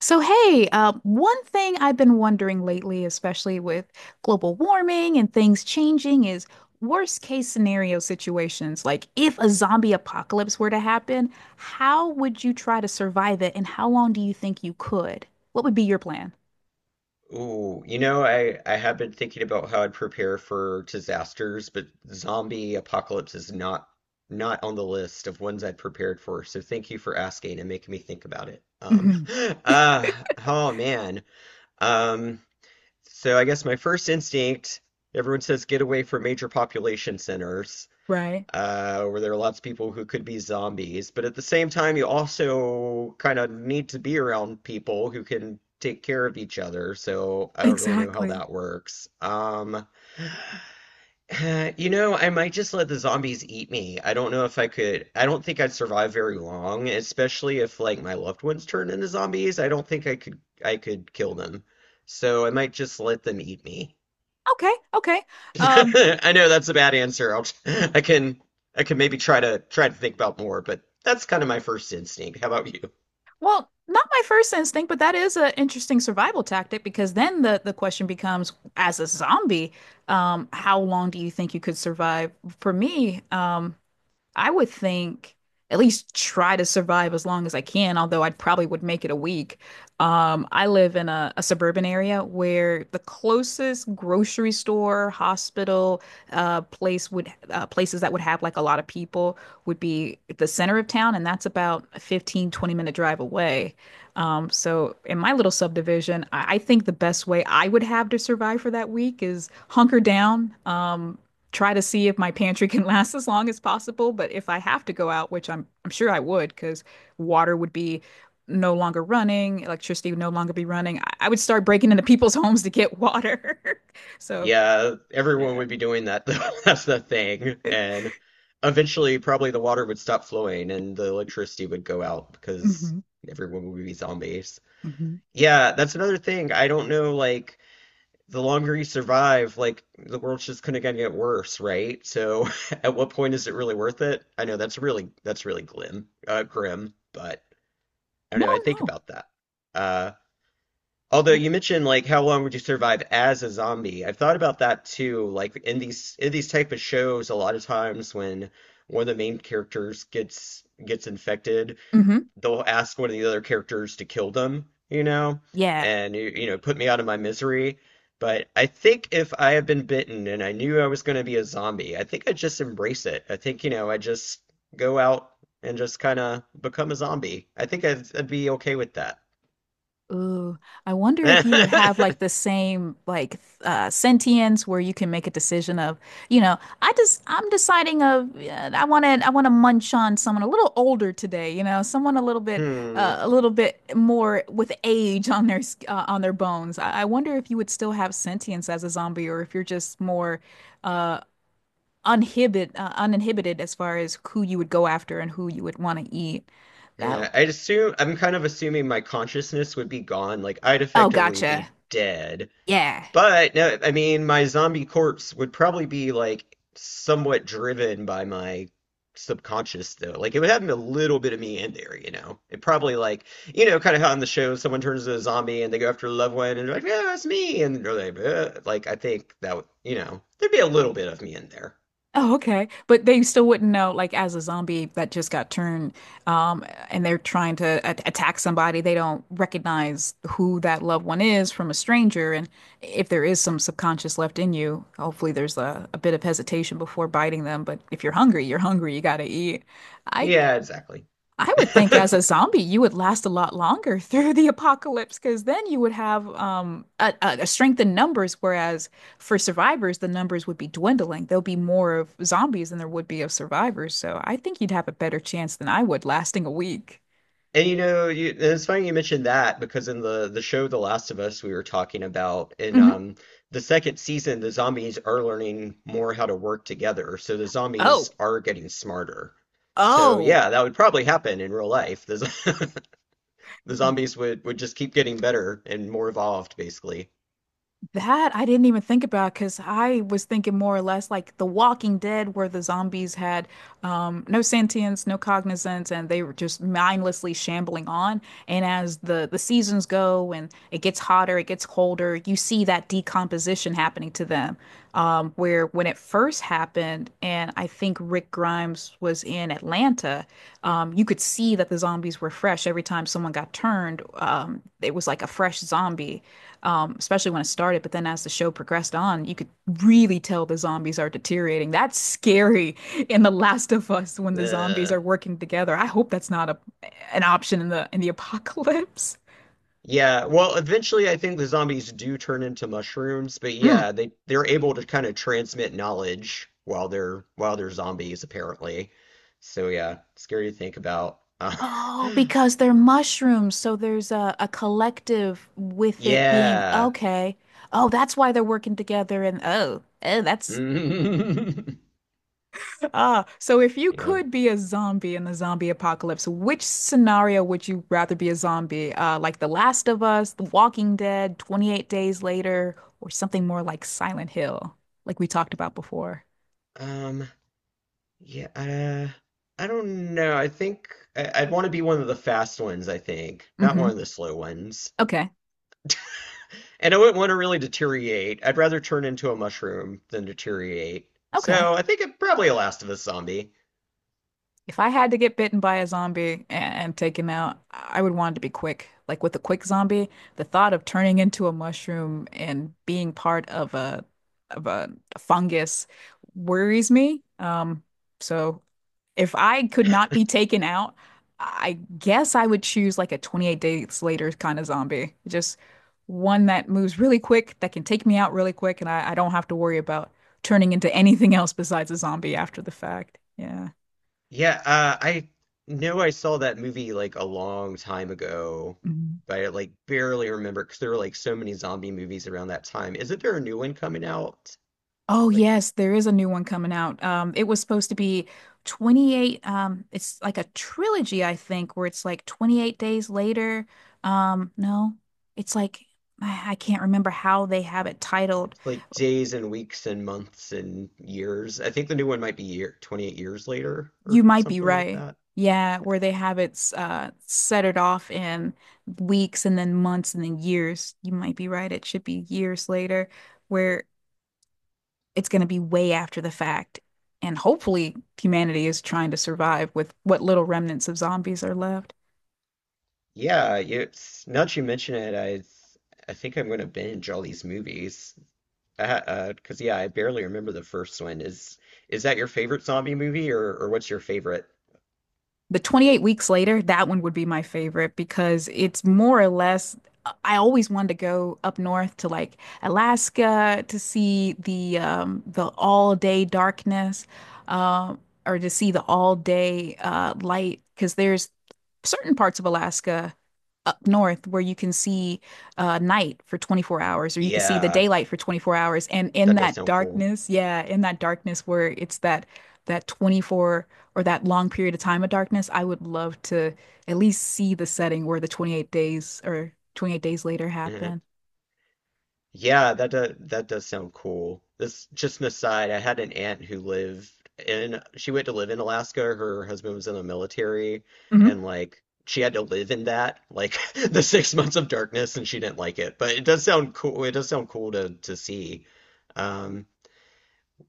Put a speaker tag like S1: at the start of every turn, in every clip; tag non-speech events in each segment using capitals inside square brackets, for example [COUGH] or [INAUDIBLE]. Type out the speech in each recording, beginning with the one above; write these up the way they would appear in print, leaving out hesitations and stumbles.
S1: So, hey, one thing I've been wondering lately, especially with global warming and things changing, is worst case scenario situations. Like, if a zombie apocalypse were to happen, how would you try to survive it, and how long do you think you could? What would be your plan?
S2: Ooh, you know, I have been thinking about how I'd prepare for disasters, but zombie apocalypse is not on the list of ones I'd prepared for. So thank you for asking and making me think about it.
S1: Mhm.
S2: [LAUGHS] Uh,
S1: [LAUGHS]
S2: oh man. Um, so I guess my first instinct, everyone says get away from major population centers
S1: Right.
S2: where there are lots of people who could be zombies, but at the same time, you also kind of need to be around people who can take care of each other. So I don't really know how
S1: Exactly.
S2: that works. [SIGHS] You know, I might just let the zombies eat me. I don't know if I could. I don't think I'd survive very long, especially if like my loved ones turned into zombies. I don't think I could. I could kill them. So I might just let them eat me.
S1: Okay, okay. Um,
S2: [LAUGHS] I know that's a bad answer. I'll, [LAUGHS] I can I can maybe try to think about more, but that's kind of my first instinct. How about you?
S1: Well, not my first instinct, but that is an interesting survival tactic because then the question becomes, as a zombie, how long do you think you could survive? For me, I would think at least try to survive as long as I can, although I'd probably would make it a week. I live in a suburban area where the closest grocery store, hospital, place would places that would have like a lot of people would be the center of town, and that's about a 15 to 20 minute drive away. So in my little subdivision, I think the best way I would have to survive for that week is hunker down, try to see if my pantry can [LAUGHS] last as long as possible. But if I have to go out, which I'm sure I would, because water would be no longer running, electricity would no longer be running. I would start breaking into people's [LAUGHS] homes to get water. [LAUGHS] So
S2: Yeah, everyone
S1: yeah.
S2: would be doing that though. [LAUGHS] That's the thing. And eventually probably the water would stop flowing and the electricity would go out because
S1: Mhm,
S2: everyone would be zombies.
S1: mhm.
S2: Yeah, that's another thing. I don't know, like the longer you survive, like the world's just gonna get worse, right? So [LAUGHS] at what point is it really worth it? I know that's really glim, grim, but I
S1: No,
S2: don't know. I think
S1: no.
S2: about that. Uh, although you mentioned like how long would you survive as a zombie? I've thought about that too. Like in these type of shows, a lot of times when one of the main characters gets infected,
S1: Mm-hmm.
S2: they'll ask one of the other characters to kill them, you know,
S1: Yeah.
S2: and you know put me out of my misery. But I think if I had been bitten and I knew I was going to be a zombie, I think I'd just embrace it. I think, you know, I just go out and just kind of become a zombie. I think I'd be okay with that.
S1: Ooh, I wonder if you would have like the
S2: [LAUGHS]
S1: same like sentience where you can make a decision of, you know, I'm deciding of I want to munch on someone a little older today, you know, someone
S2: Hmm.
S1: a little bit more with age on their on their bones. I wonder if you would still have sentience as a zombie or if you're just more uh uninhibited as far as who you would go after and who you would want to eat. That
S2: Yeah, I'd assume I'm kind of assuming my consciousness would be gone. Like I'd
S1: Oh,
S2: effectively
S1: gotcha.
S2: be dead.
S1: Yeah.
S2: But no, I mean, my zombie corpse would probably be like somewhat driven by my subconscious, though. Like it would have a little bit of me in there, you know. It probably like you know, kind of how on the show someone turns into a zombie and they go after a loved one and they're like, yeah, that's me, and they're like I think that would, you know, there'd be a little bit of me in there.
S1: Oh, okay. But they still wouldn't know, like, as a zombie that just got turned, um, and they're trying to a attack somebody, they don't recognize who that loved one is from a stranger. And if there is some subconscious left in you, hopefully there's a bit of hesitation before biting them. But if you're hungry, you're hungry, you gotta eat. I
S2: Yeah, exactly.
S1: I
S2: [LAUGHS]
S1: would think as a zombie, you would last a lot longer [LAUGHS] through the apocalypse because then you would have a strength in numbers. Whereas for survivors, the numbers would be dwindling. There'll be more of zombies than there would be of survivors. So I think you'd have a better chance than I would lasting a week.
S2: And you know, you, and it's funny you mentioned that because in the show The Last of Us, we were talking about in
S1: Hmm.
S2: the second season, the zombies are learning more how to work together, so the zombies
S1: Oh,
S2: are getting smarter. So
S1: oh,
S2: yeah, that would probably happen in real life. The z- [LAUGHS] the zombies would just keep getting better and more evolved, basically.
S1: that I didn't even think about because I was thinking more or less like The Walking Dead, where the zombies had no sentience, no cognizance, and they were just mindlessly shambling on. And as the seasons go and it gets hotter, it gets colder, you see that decomposition happening to them. Where when it first happened, and I think Rick Grimes was in Atlanta, you could see that the zombies were fresh every time someone got turned. It was like a fresh zombie, especially when it started. But then as the show progressed on, you could really tell the zombies are deteriorating. That's scary in The Last of Us when the zombies
S2: Uh,
S1: are working together. I hope that's not a an option in the [LAUGHS] apocalypse.
S2: yeah, well, eventually I think the zombies do turn into mushrooms, but
S1: Mm.
S2: yeah, they they're able to kind of transmit knowledge while they're zombies, apparently. So yeah, scary to think about.
S1: Oh, because they're mushrooms, so there's a collective
S2: [LAUGHS]
S1: with it being
S2: Yeah.
S1: okay. Oh, that's why they're working together and oh, oh, that's
S2: [LAUGHS]
S1: ah, so if you
S2: Yeah.
S1: could be a zombie in the zombie apocalypse, which scenario would you rather be a zombie? Like The Last of Us, The Walking Dead, 28 Days Later, or something more like Silent Hill, like we talked about before?
S2: Um, yeah, I don't know. I think I'd want to be one of the fast ones, I think, not
S1: Hmm.
S2: one of the slow ones.
S1: Okay.
S2: And I wouldn't want to really deteriorate. I'd rather turn into a mushroom than deteriorate.
S1: Okay.
S2: So I think it probably a Last of Us zombie.
S1: If I had to get bitten by a zombie and, taken out, I would want it to be quick. Like with a quick zombie, the thought of turning into a mushroom and being part of a fungus worries me. So If I could not be taken out, I guess I would choose like a 28 Days Later kind of zombie. Just one that moves really quick, that can take me out really quick, and I don't have to worry about turning into anything else besides a zombie after the fact. Yeah.
S2: Yeah, I know I saw that movie like a long time ago,
S1: Mhm.
S2: but I like barely remember because there were like so many zombie movies around that time. Isn't there a new one coming out?
S1: Oh
S2: Like
S1: yes, there is a new one coming out. It was supposed to be it's like a trilogy, I think, where it's like 28 Days Later. No, it's like I can't remember how they have it titled.
S2: it's like days and weeks and months and years. I think the new one might be year 28 years later
S1: You
S2: or
S1: might be
S2: something like
S1: right.
S2: that.
S1: Yeah, where they have it set it off in weeks and then months and then years. You might be right. It should be years later where it's going to be way after the fact. And hopefully humanity is trying to survive with what little remnants of zombies are left.
S2: Yeah, you, it's- now that you mention it, I think I'm gonna binge all these movies. 'Cause yeah, I barely remember the first one. Is that your favorite zombie movie or what's your favorite?
S1: The 28 weeks later, that one would be my favorite because it's more or less. I always wanted to go up north to like Alaska to see the all day darkness, uh, or to see the all day light because there's certain parts of Alaska up north where you can see night for 24 hours or you can see the
S2: Yeah,
S1: daylight for 24 hours and in
S2: that does
S1: that
S2: sound cool.
S1: darkness yeah in that darkness where it's that 24 or that long period of time of darkness, I would love to at least see the setting where the 28 days or 28 days later
S2: [LAUGHS]
S1: happen.
S2: Yeah, that does sound cool. This just an aside, I had an aunt who lived in she went to live in Alaska. Her husband was in the military
S1: Hmm.
S2: and like she had to live in that, like [LAUGHS] the 6 months of darkness and she didn't like it. But it does sound cool. It does sound cool to see. Um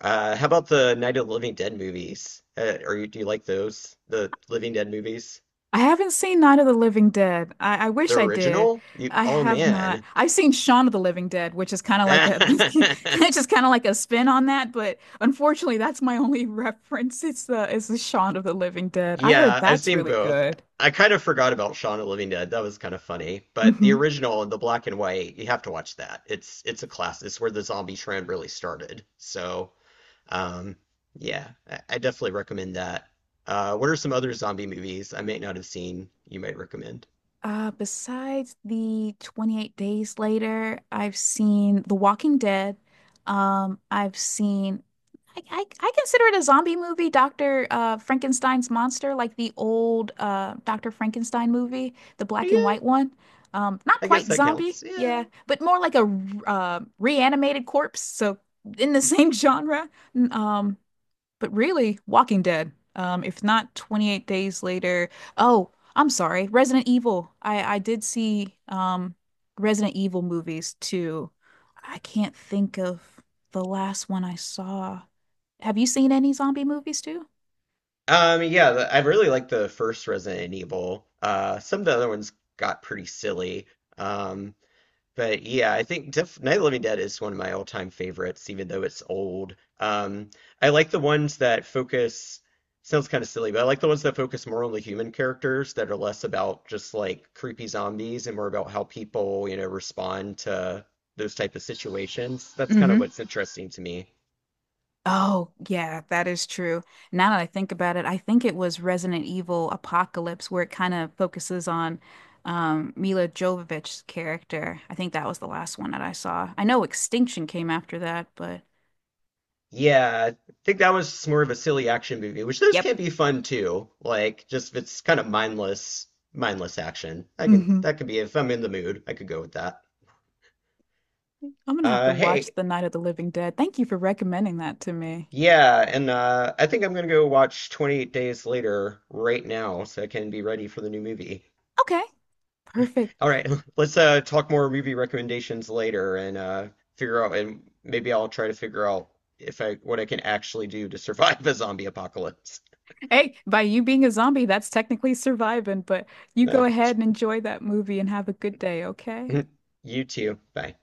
S2: how about the Night of the Living Dead movies? Are you do you like those? The Living Dead movies?
S1: I haven't seen Night of the Living Dead. I
S2: The
S1: wish I did.
S2: original? You
S1: I
S2: oh
S1: have not.
S2: man.
S1: I've seen Shaun of the Living Dead, which is kind of like a, [LAUGHS] it's
S2: [LAUGHS]
S1: just kind of like a spin on that. But unfortunately, that's my only [LAUGHS] reference. It's the Shaun of the Living Dead. I heard
S2: Yeah, I've
S1: that's
S2: seen
S1: really
S2: both.
S1: good.
S2: I kind of forgot about Shaun of the Living Dead. That was kind of funny. But the
S1: Mhm.
S2: original, the black and white, you have to watch that. It's a class. It's where the zombie trend really started. So, um, yeah, I definitely recommend that. What are some other zombie movies I may not have seen you might recommend?
S1: Besides the 28 Days Later, I've seen The Walking Dead. I've seen I consider it a zombie movie, Dr. Frankenstein's Monster, like the old Dr. Frankenstein movie, the black and
S2: Yeah,
S1: white one. Not
S2: I guess
S1: quite
S2: that
S1: zombie,
S2: counts. Yeah.
S1: yeah, but more like a reanimated corpse, so in the same [LAUGHS] genre. Um, but Really, Walking Dead. If not 28 Days Later. Oh, I'm sorry, Resident Evil. I did see Resident Evil movies too. I can't think of the last one I saw. Have you seen any zombie movies too?
S2: Yeah, the- I really like the first Resident Evil. Some of the other ones got pretty silly. Um, But yeah, I think Def Night of the Living Dead is one of my all-time favorites, even though it's old. I like the ones that focus, sounds kind of silly, but I like the ones that focus more on the human characters that are less about just like creepy zombies and more about how people, you know, respond to those type of situations. That's kind of what's interesting to me.
S1: Oh, yeah, that is true. Now that I think about it, I think it was Resident Evil Apocalypse where it kind of focuses on Mila Jovovich's character. I think that was the last one that I saw. I know Extinction came after that, but
S2: Yeah, I think that was just more of a silly action movie, which those
S1: yep.
S2: can be fun too. Like just if it's kind of mindless, mindless action. I can
S1: Hmm.
S2: that could be if I'm in the mood, I could go with that.
S1: I'm gonna have to
S2: Hey,
S1: watch The Night of the Living Dead. Thank you for recommending that to me.
S2: yeah, and I think I'm gonna go watch 28 Days Later right now so I can be ready for the new movie.
S1: Okay, perfect.
S2: All right, [LAUGHS] let's talk more movie recommendations later and figure out and maybe I'll try to figure out if I what I can actually do to [LAUGHS] survive a zombie apocalypse.
S1: Hey, by you being a zombie, that's technically surviving, but you
S2: Uh,
S1: go ahead and enjoy that movie and have a good day, okay?
S2: [LAUGHS] you too. Bye.